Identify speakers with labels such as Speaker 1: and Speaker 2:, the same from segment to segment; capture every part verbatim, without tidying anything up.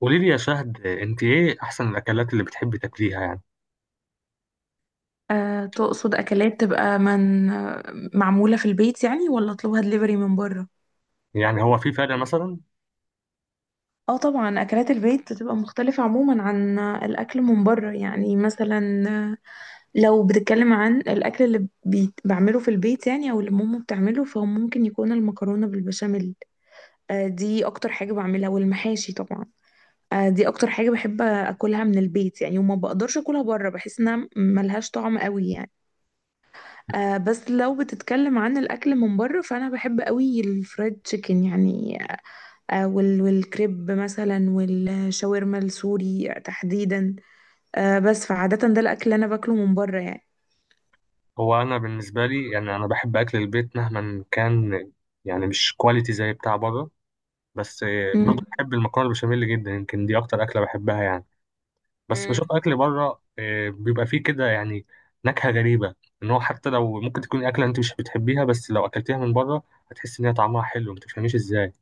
Speaker 1: قولي لي يا شهد، انت ايه احسن الاكلات اللي بتحبي تاكليها يعني؟
Speaker 2: أه تقصد أكلات تبقى من آه، معمولة في البيت يعني ولا أطلبها دليفري من بره؟
Speaker 1: يعني هو في فرق مثلا؟
Speaker 2: اه طبعا، أكلات البيت بتبقى مختلفة عموما عن الأكل من بره، يعني مثلا آه، لو بتتكلم عن الأكل اللي بيت- بعمله في البيت يعني أو اللي ماما بتعمله، فهو ممكن يكون المكرونة بالبشاميل. أه دي أكتر حاجة بعملها، والمحاشي طبعا. أه دي أكتر حاجة بحب أكلها من البيت يعني، وما بقدرش أكلها بره، بحس إنها ملهاش طعم قوي يعني. آه بس لو بتتكلم عن الاكل من بره، فانا بحب قوي الفرايد تشيكن يعني. آه وال والكريب مثلا، والشاورما السوري تحديدا. آه بس فعاده، ده الاكل اللي انا باكله من بره يعني.
Speaker 1: هو انا بالنسبه لي يعني انا بحب اكل البيت مهما كان. يعني مش كواليتي زي بتاع بره، بس
Speaker 2: مم.
Speaker 1: برضه بحب المكرونه البشاميل جدا، يمكن دي اكتر اكله بحبها يعني. بس
Speaker 2: مم.
Speaker 1: بشوف اكل بره، اه، بيبقى فيه كده يعني نكهه غريبه. ان هو حتى لو ممكن تكون اكله انت مش بتحبيها، بس لو اكلتيها من بره هتحس ان هي طعمها حلو، ما تفهميش ازاي،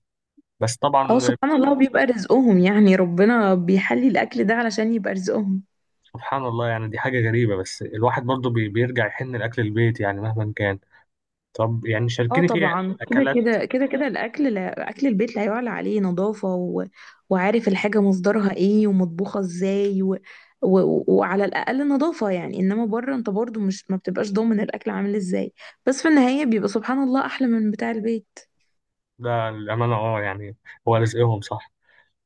Speaker 1: بس
Speaker 2: اه،
Speaker 1: طبعا.
Speaker 2: سبحان الله بيبقى رزقهم، يعني ربنا بيحلي الاكل ده علشان يبقى رزقهم.
Speaker 1: سبحان الله، يعني دي حاجة غريبة، بس الواحد برضو بي- بيرجع يحن لأكل البيت يعني مهما كان. طب يعني
Speaker 2: اه
Speaker 1: شاركيني في
Speaker 2: طبعا، كده
Speaker 1: أكلات.
Speaker 2: كده كده كده الاكل، لا اكل البيت لا يعلى عليه نظافه، و... وعارف الحاجه مصدرها ايه ومطبوخه ازاي، و... و... وعلى الاقل نظافه يعني، انما بره انت برضو مش ما بتبقاش ضامن الاكل عامل ازاي، بس في النهايه بيبقى سبحان الله احلى من بتاع البيت.
Speaker 1: ده الأمانة اه يعني، هو رزقهم صح.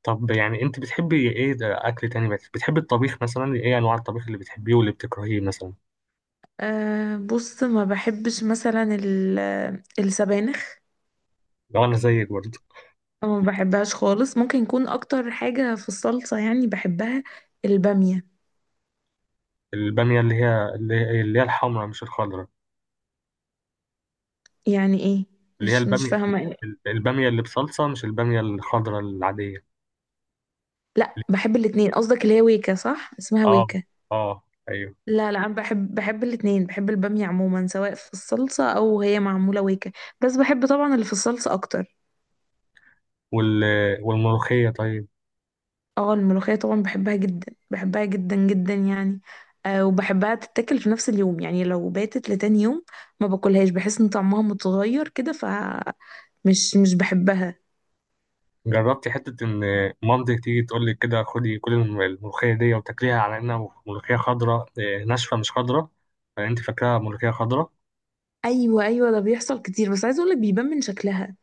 Speaker 1: طب يعني أنت بتحبي إيه، ده أكل تاني، بت- بتحبي الطبيخ مثلا، إيه أنواع الطبيخ اللي بتحبيه واللي بتكرهيه مثلا؟
Speaker 2: أه بص، ما بحبش مثلا ال... السبانخ.
Speaker 1: لو أنا زيك برضو.
Speaker 2: ما بحبهاش خالص، ممكن يكون اكتر حاجه في الصلصه يعني بحبها. الباميه.
Speaker 1: البامية اللي هي اللي اللي هي الحمراء مش الخضراء.
Speaker 2: يعني ايه؟
Speaker 1: اللي هي
Speaker 2: مش مش
Speaker 1: البامية.
Speaker 2: فاهمه.
Speaker 1: ال- البامية اللي بصلصة مش البامية الخضراء العادية.
Speaker 2: لا بحب الاتنين، قصدك اللي هي ويكا؟ صح، اسمها
Speaker 1: اه،
Speaker 2: ويكا.
Speaker 1: اه، أيوه.
Speaker 2: لا، لا، انا بحب بحب الاتنين، بحب البامية عموما سواء في الصلصة او هي معمولة ويكا. بس بحب طبعا اللي في الصلصة اكتر.
Speaker 1: وال والملوخية طيب.
Speaker 2: اه، الملوخية طبعا بحبها جدا، بحبها جدا جدا يعني. آه وبحبها تتاكل في نفس اليوم، يعني لو باتت لتاني يوم ما باكلهاش، بحس ان طعمها متغير كده، ف مش مش بحبها.
Speaker 1: جربتي حتة إن مامتك تيجي تقول لك كده: خدي كل الم- الملوخية دي وتاكليها على إنها ملوخية خضراء، إيه، ناشفة مش خضراء، فأنت فاكراها ملوخية خضراء؟
Speaker 2: ايوه، ايوه، ده بيحصل كتير، بس عايزه اقولك بيبان من شكلها.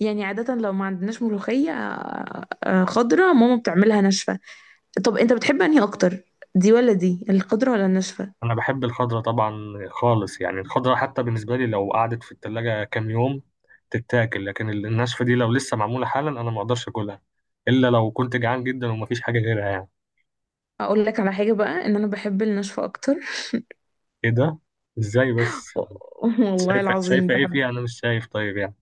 Speaker 2: يعني عاده لو ما عندناش ملوخيه آه، آه، خضره، ماما بتعملها ناشفه. طب انت بتحب انهي اكتر، دي ولا دي؟ الخضرة ولا الناشفة؟
Speaker 1: أنا بحب الخضراء طبعا، خالص يعني. الخضراء حتى بالنسبة لي لو قعدت في التلاجة كام يوم تتاكل، لكن ال- الناشفة دي لو لسه معمولة حالا، أنا ما أقدرش أكلها إلا لو كنت جعان جدا ومفيش حاجة غيرها يعني.
Speaker 2: اقول لك على حاجة بقى، ان انا بحب الناشفة اكتر.
Speaker 1: إيه ده؟ إزاي بس؟
Speaker 2: والله
Speaker 1: شايفة
Speaker 2: العظيم
Speaker 1: شايفة إيه
Speaker 2: بحب.
Speaker 1: فيها؟ أنا مش شايف طيب يعني.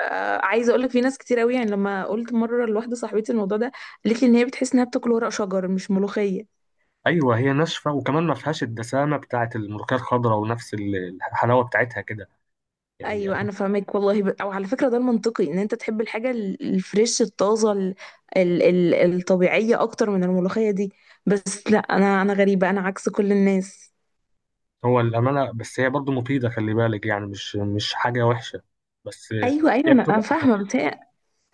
Speaker 2: آه، عايزة اقول لك في ناس كتير قوي، يعني لما قلت مرة لواحدة صاحبتي الموضوع ده، قالت لي ان هي بتحس انها بتاكل ورق شجر مش ملوخية.
Speaker 1: ايوه هي ناشفه، وكمان ما فيهاش الدسامه بتاعه الملوخيه الخضراء ونفس ال- الحلاوه بتاعتها كده يعني.
Speaker 2: ايوه انا فاهمك، والله ب... او على فكرة ده المنطقي ان انت تحب الحاجة ال- الفريش الطازة ال... ال... ال... الطبيعية اكتر من الملوخية دي. بس لا، انا انا غريبة، انا عكس كل الناس.
Speaker 1: هو الامانه، بس هي برضو مفيده، خلي بالك، يعني مش مش حاجه وحشه، بس
Speaker 2: ايوه، ايوه،
Speaker 1: هي
Speaker 2: انا أنا
Speaker 1: بتبقى.
Speaker 2: فاهمه، بس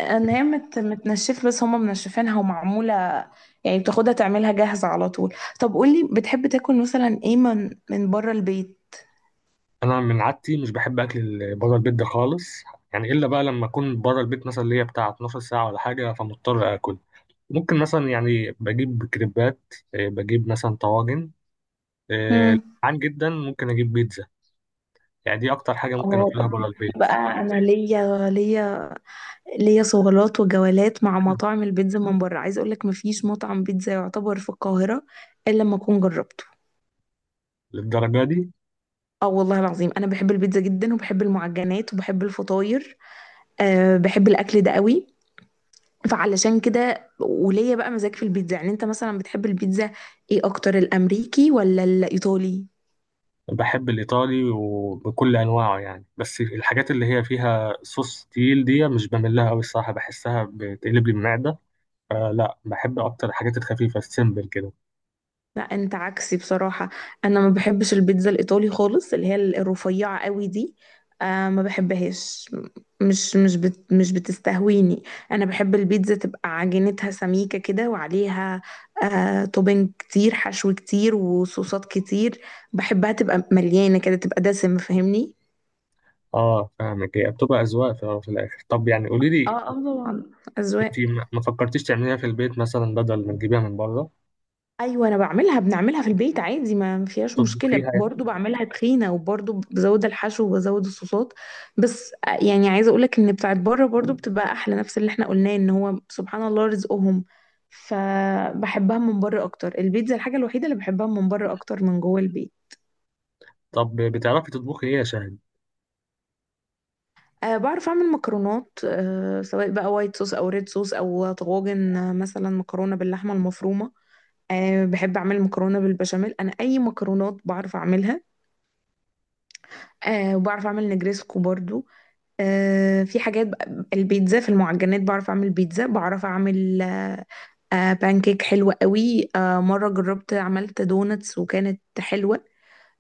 Speaker 2: ان هي مت متنشف، بس هما منشفينها ومعموله، يعني بتاخدها تعملها جاهزه على طول. طب قولي، بتحب تاكل مثلا ايه من من بره البيت؟
Speaker 1: انا من عادتي مش بحب اكل بره البيت ده خالص، يعني الا بقى لما اكون بره البيت مثلا اللي هي بتاع اتناشر ساعه ولا حاجه، فمضطر اكل. ممكن مثلا يعني بجيب كريبات، آه، بجيب مثلا طواجن، آه،
Speaker 2: مم.
Speaker 1: عن جدا ممكن اجيب بيتزا، يعني دي اكتر حاجه ممكن
Speaker 2: اه
Speaker 1: اكلها
Speaker 2: طب
Speaker 1: بره
Speaker 2: بقى،
Speaker 1: البيت.
Speaker 2: انا ليا ليا ليا صولات وجولات مع مطاعم البيتزا من بره. عايز اقول لك مفيش مطعم بيتزا يعتبر في القاهره الا لما اكون جربته.
Speaker 1: للدرجه دي؟
Speaker 2: اه والله العظيم، انا بحب البيتزا جدا وبحب المعجنات وبحب الفطاير. أه بحب الاكل ده قوي. فعلشان كده، وليا بقى مزاج في البيتزا. يعني انت مثلا بتحب البيتزا ايه اكتر، الامريكي ولا الايطالي؟
Speaker 1: بحب الإيطالي وبكل أنواعه يعني، بس الحاجات اللي هي فيها صوص تقيل دي مش بميل لها أوي الصراحة، بحسها بتقلب لي المعدة، فلا بحب أكتر الحاجات الخفيفة السيمبل كده.
Speaker 2: لا انت عكسي بصراحة، انا ما بحبش البيتزا الايطالي خالص، اللي هي الرفيعة قوي دي. آه ما بحبهاش، مش مش بت مش بتستهويني. انا بحب البيتزا تبقى عجينتها سميكة كده، وعليها آه توبينج كتير، حشو كتير، وصوصات كتير. بحبها تبقى مليانة كده، تبقى دسمة فاهمني.
Speaker 1: اه فاهمك، هي بتبقى أذواق في في الآخر. طب يعني قولي لي،
Speaker 2: اه، اه، طبعا
Speaker 1: أنت
Speaker 2: اذواق.
Speaker 1: ما ما فكرتيش تعمليها في البيت مثلا بدل ما تجيبيها من بره،
Speaker 2: ايوه، انا بعملها بنعملها في البيت عادي، ما ما فيهاش
Speaker 1: تطبخيها
Speaker 2: مشكله،
Speaker 1: يعني؟
Speaker 2: برضو بعملها تخينه وبرضو بزود الحشو وبزود الصوصات. بس آه، يعني عايزه اقولك ان بتاعت بره برضو بتبقى احلى، نفس اللي احنا قلناه ان هو سبحان الله رزقهم. فبحبها من بره اكتر، البيتزا الحاجه الوحيده اللي بحبها من بره اكتر من جوه البيت.
Speaker 1: طب بتعرفي تطبخي إيه يا شاهد؟
Speaker 2: أه بعرف اعمل مكرونات، أه سواء بقى وايت صوص او ريد صوص او طواجن، آه، مثلا مكرونه باللحمه المفرومه. أه بحب اعمل مكرونه بالبشاميل، انا اي مكرونات بعرف اعملها. آه وبعرف اعمل نجريسكو برضو. آه في حاجات بقى- البيتزا، في المعجنات بعرف اعمل بيتزا، بعرف اعمل آه آه بانكيك حلوة قوي. آه مرة جربت عملت دونتس وكانت حلوة.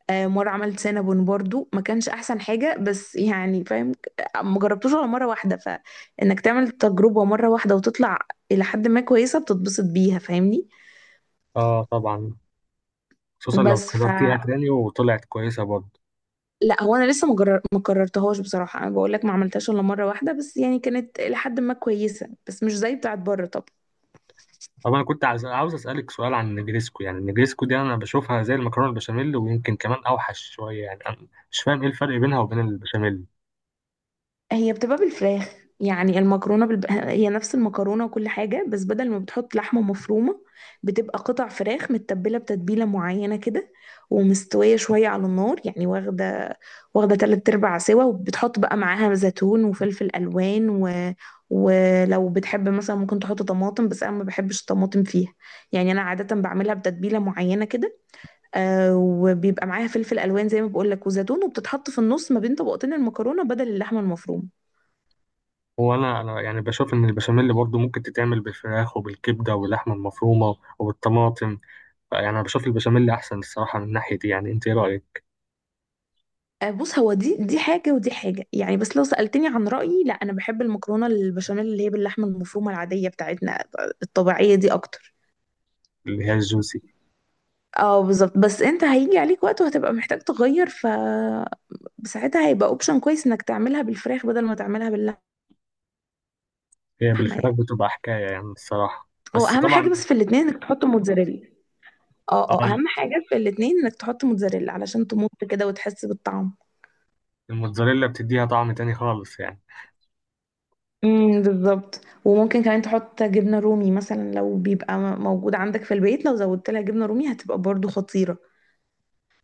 Speaker 2: آه مرة عملت سينابون برضو، ما كانش احسن حاجة بس يعني فاهم. ما جربتوش غير مرة واحدة، فانك تعمل تجربة مرة واحدة وتطلع الى حد ما كويسة بتتبسط بيها فاهمني.
Speaker 1: اه طبعا، خصوصا لو
Speaker 2: بس ف
Speaker 1: قررتيها تاني وطلعت كويسة برضه.
Speaker 2: لا هو انا لسه ما جرر- ما قررتهاش بصراحه، انا بقول لك ما عملتهاش الا مره واحده، بس يعني كانت لحد ما كويسه، بس مش زي بتاعت بره طبعا.
Speaker 1: طب انا كنت عايز عاوز اسالك سؤال عن النجريسكو، يعني النجريسكو دي انا بشوفها زي المكرونه البشاميل، ويمكن كمان اوحش شويه يعني، انا مش فاهم ايه الفرق بينها وبين البشاميل.
Speaker 2: هي بتبقى بالفراخ، يعني المكرونة بالب... هي نفس المكرونة وكل حاجة، بس بدل ما بتحط لحمة مفرومة، بتبقى قطع فراخ متبلة بتتبيلة معينة كده، ومستوية شوية على النار، يعني واخدة واخدة تلات أرباع سوا، وبتحط بقى معاها زيتون وفلفل ألوان و... ولو بتحب مثلا ممكن تحط طماطم، بس أنا ما بحبش الطماطم فيها. يعني أنا عادة بعملها بتتبيلة معينة كده، آه وبيبقى معاها فلفل ألوان زي ما بقول لك وزيتون، وبتتحط في النص ما بين طبقتين المكرونة بدل اللحمة المفرومة.
Speaker 1: هو انا انا يعني بشوف ان البشاميل برضو ممكن تتعمل بالفراخ وبالكبده واللحمه المفرومه وبالطماطم. يعني انا بشوف البشاميل احسن الصراحه من ناحيه دي، يعني انت ايه رايك؟
Speaker 2: آه، بص هو دي دي حاجة ودي حاجة يعني، بس لو سألتني عن رأيي، لا أنا بحب المكرونة البشاميل اللي هي باللحمة المفرومة العادية بتاعتنا الطبيعية دي أكتر.
Speaker 1: اللي هي الجوسي.
Speaker 2: اه بالظبط، بس انت هيجي عليك وقت وهتبقى محتاج تغير، ف ساعتها هيبقى اوبشن كويس انك تعملها بالفراخ بدل ما تعملها باللحمة.
Speaker 1: هي
Speaker 2: يعني
Speaker 1: بالفراخ بتبقى حكايه يعني الصراحه،
Speaker 2: هو
Speaker 1: بس
Speaker 2: اهم
Speaker 1: طبعا.
Speaker 2: حاجة بس في الاتنين انك تحط موتزاريلا. اه، اه،
Speaker 1: اه،
Speaker 2: اهم حاجة في الاتنين انك تحط موتزاريلا علشان تمط كده وتحس بالطعم.
Speaker 1: الموتزاريلا بتديها طعم تاني خالص يعني.
Speaker 2: امم بالظبط، وممكن كمان تحط جبنة رومي مثلا لو بيبقى م- موجود عندك في البيت، لو زودت لها جبنة رومي هتبقى برضو خطيرة.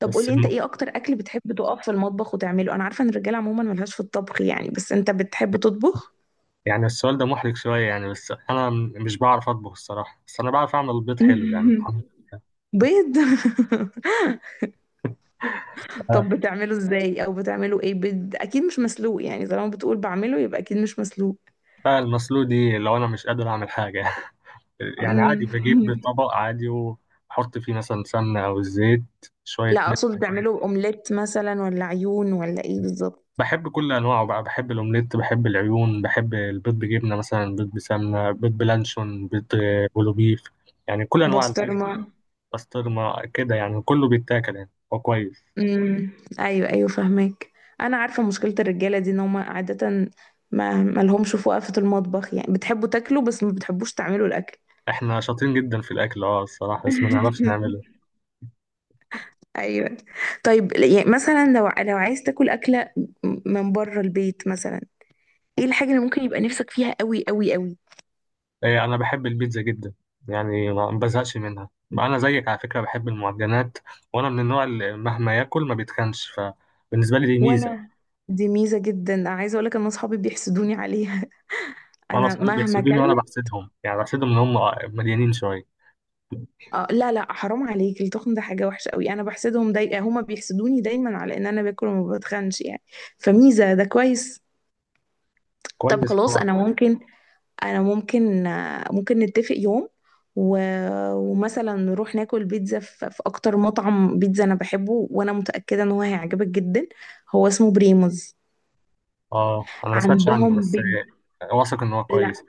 Speaker 2: طب
Speaker 1: بس
Speaker 2: قولي، انت ايه اكتر اكل بتحب تقف في المطبخ وتعمله؟ انا عارفة ان الرجالة عموما ملهاش في الطبخ يعني، بس انت بتحب تطبخ؟
Speaker 1: يعني السؤال ده محرج شوية يعني، بس أنا م- مش بعرف أطبخ الصراحة، بس أنا بعرف أعمل البيض حلو يعني الحمد
Speaker 2: بيض. طب بتعمله ازاي، او بتعمله ايه؟ بيض اكيد مش مسلوق، يعني طالما بتقول بعمله يبقى اكيد مش مسلوق.
Speaker 1: لله. المسلوق دي لو أنا مش قادر أعمل حاجة يعني عادي بجيب
Speaker 2: مم.
Speaker 1: طبق عادي وأحط فيه مثلا سمنة أو الزيت، شوية
Speaker 2: لا،
Speaker 1: ملح.
Speaker 2: اقصد بتعمله اومليت مثلا ولا عيون ولا ايه بالظبط؟
Speaker 1: بحب كل أنواعه بقى، بحب الأومليت، بحب العيون، بحب البيض بجبنة مثلا، بيض بسمنة، بيض بلانشون، بيض آه، بولو بيف، يعني كل أنواع البيض.
Speaker 2: بسطرمة.
Speaker 1: بسطرمة كده، يعني كله بيتاكل، يعني هو كويس.
Speaker 2: امم، ايوه، ايوه، فاهمك. انا عارفه مشكله الرجاله دي، ان هم عاده ما ما لهمش في وقفه المطبخ، يعني بتحبوا تاكلوا بس ما بتحبوش تعملوا الاكل.
Speaker 1: احنا شاطرين جدا في الأكل اه الصراحة، بس ما نعرفش نعمله.
Speaker 2: ايوه. طيب يعني مثلا، لو لو عايز تاكل اكله من بره البيت مثلا، ايه الحاجه اللي ممكن يبقى نفسك فيها قوي قوي قوي؟
Speaker 1: إيه، أنا بحب البيتزا جدا يعني، ما ما بزهقش منها. أنا زيك على فكرة، بحب المعجنات. وأنا من النوع اللي مهما ياكل ما بيتخنش، فبالنسبة لي دي ميزة.
Speaker 2: وانا، دي ميزه جدا، عايزه اقول لك ان اصحابي بيحسدوني عليها.
Speaker 1: وأنا
Speaker 2: انا
Speaker 1: أصحابي
Speaker 2: مهما
Speaker 1: بيحسدوني، وأنا
Speaker 2: اكلت.
Speaker 1: بحسدهم يعني، بحسدهم إن هم مليانين شوية.
Speaker 2: آه، لا، لا، حرام عليك، التخن ده حاجة وحشة قوي، أنا بحسدهم داي... هما بيحسدوني دايما على إن أنا باكل وما بتخنش يعني. فميزة ده كويس. طب
Speaker 1: كويس
Speaker 2: خلاص،
Speaker 1: طبعا.
Speaker 2: أنا ممكن أنا ممكن آه، ممكن نتفق يوم، و... ومثلا نروح ناكل بيتزا في... في أكتر مطعم بيتزا أنا بحبه، وأنا متأكدة إن هو هيعجبك جدا. هو اسمه بريموز.
Speaker 1: أه، أنا ما سمعتش عنه،
Speaker 2: عندهم
Speaker 1: بس إيه،
Speaker 2: بيتزا.
Speaker 1: واثق إن هو كويس.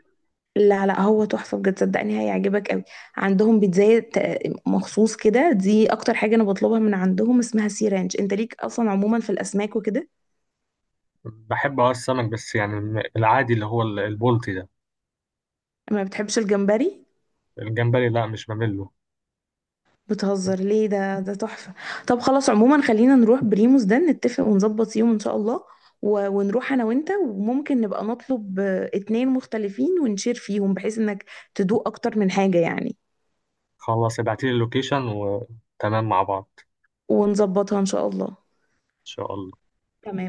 Speaker 2: لا، لا، هو تحفة بجد، صدقني هيعجبك قوي. عندهم بيتزاية ت- مخصوص كده، دي اكتر حاجة انا بطلبها من عندهم، اسمها سي رانش. انت ليك اصلا عموما في الاسماك وكده؟
Speaker 1: بحب أه السمك، بس يعني الم- العادي، اللي هو ال- البلطي ده.
Speaker 2: ما بتحبش الجمبري؟
Speaker 1: الجمبري لا، مش بمله.
Speaker 2: بتهزر ليه؟ ده ده تحفة. طب خلاص، عموما خلينا نروح بريموس ده، نتفق ونظبط يوم ان شاء الله، و- ونروح انا وانت، وممكن نبقى نطلب آه، اتنين مختلفين ونشير فيهم بحيث انك تدوق اكتر من حاجة يعني.
Speaker 1: خلاص ابعتيلي اللوكيشن، وتمام مع بعض.
Speaker 2: ونظبطها ان شاء الله.
Speaker 1: إن شاء الله.
Speaker 2: تمام.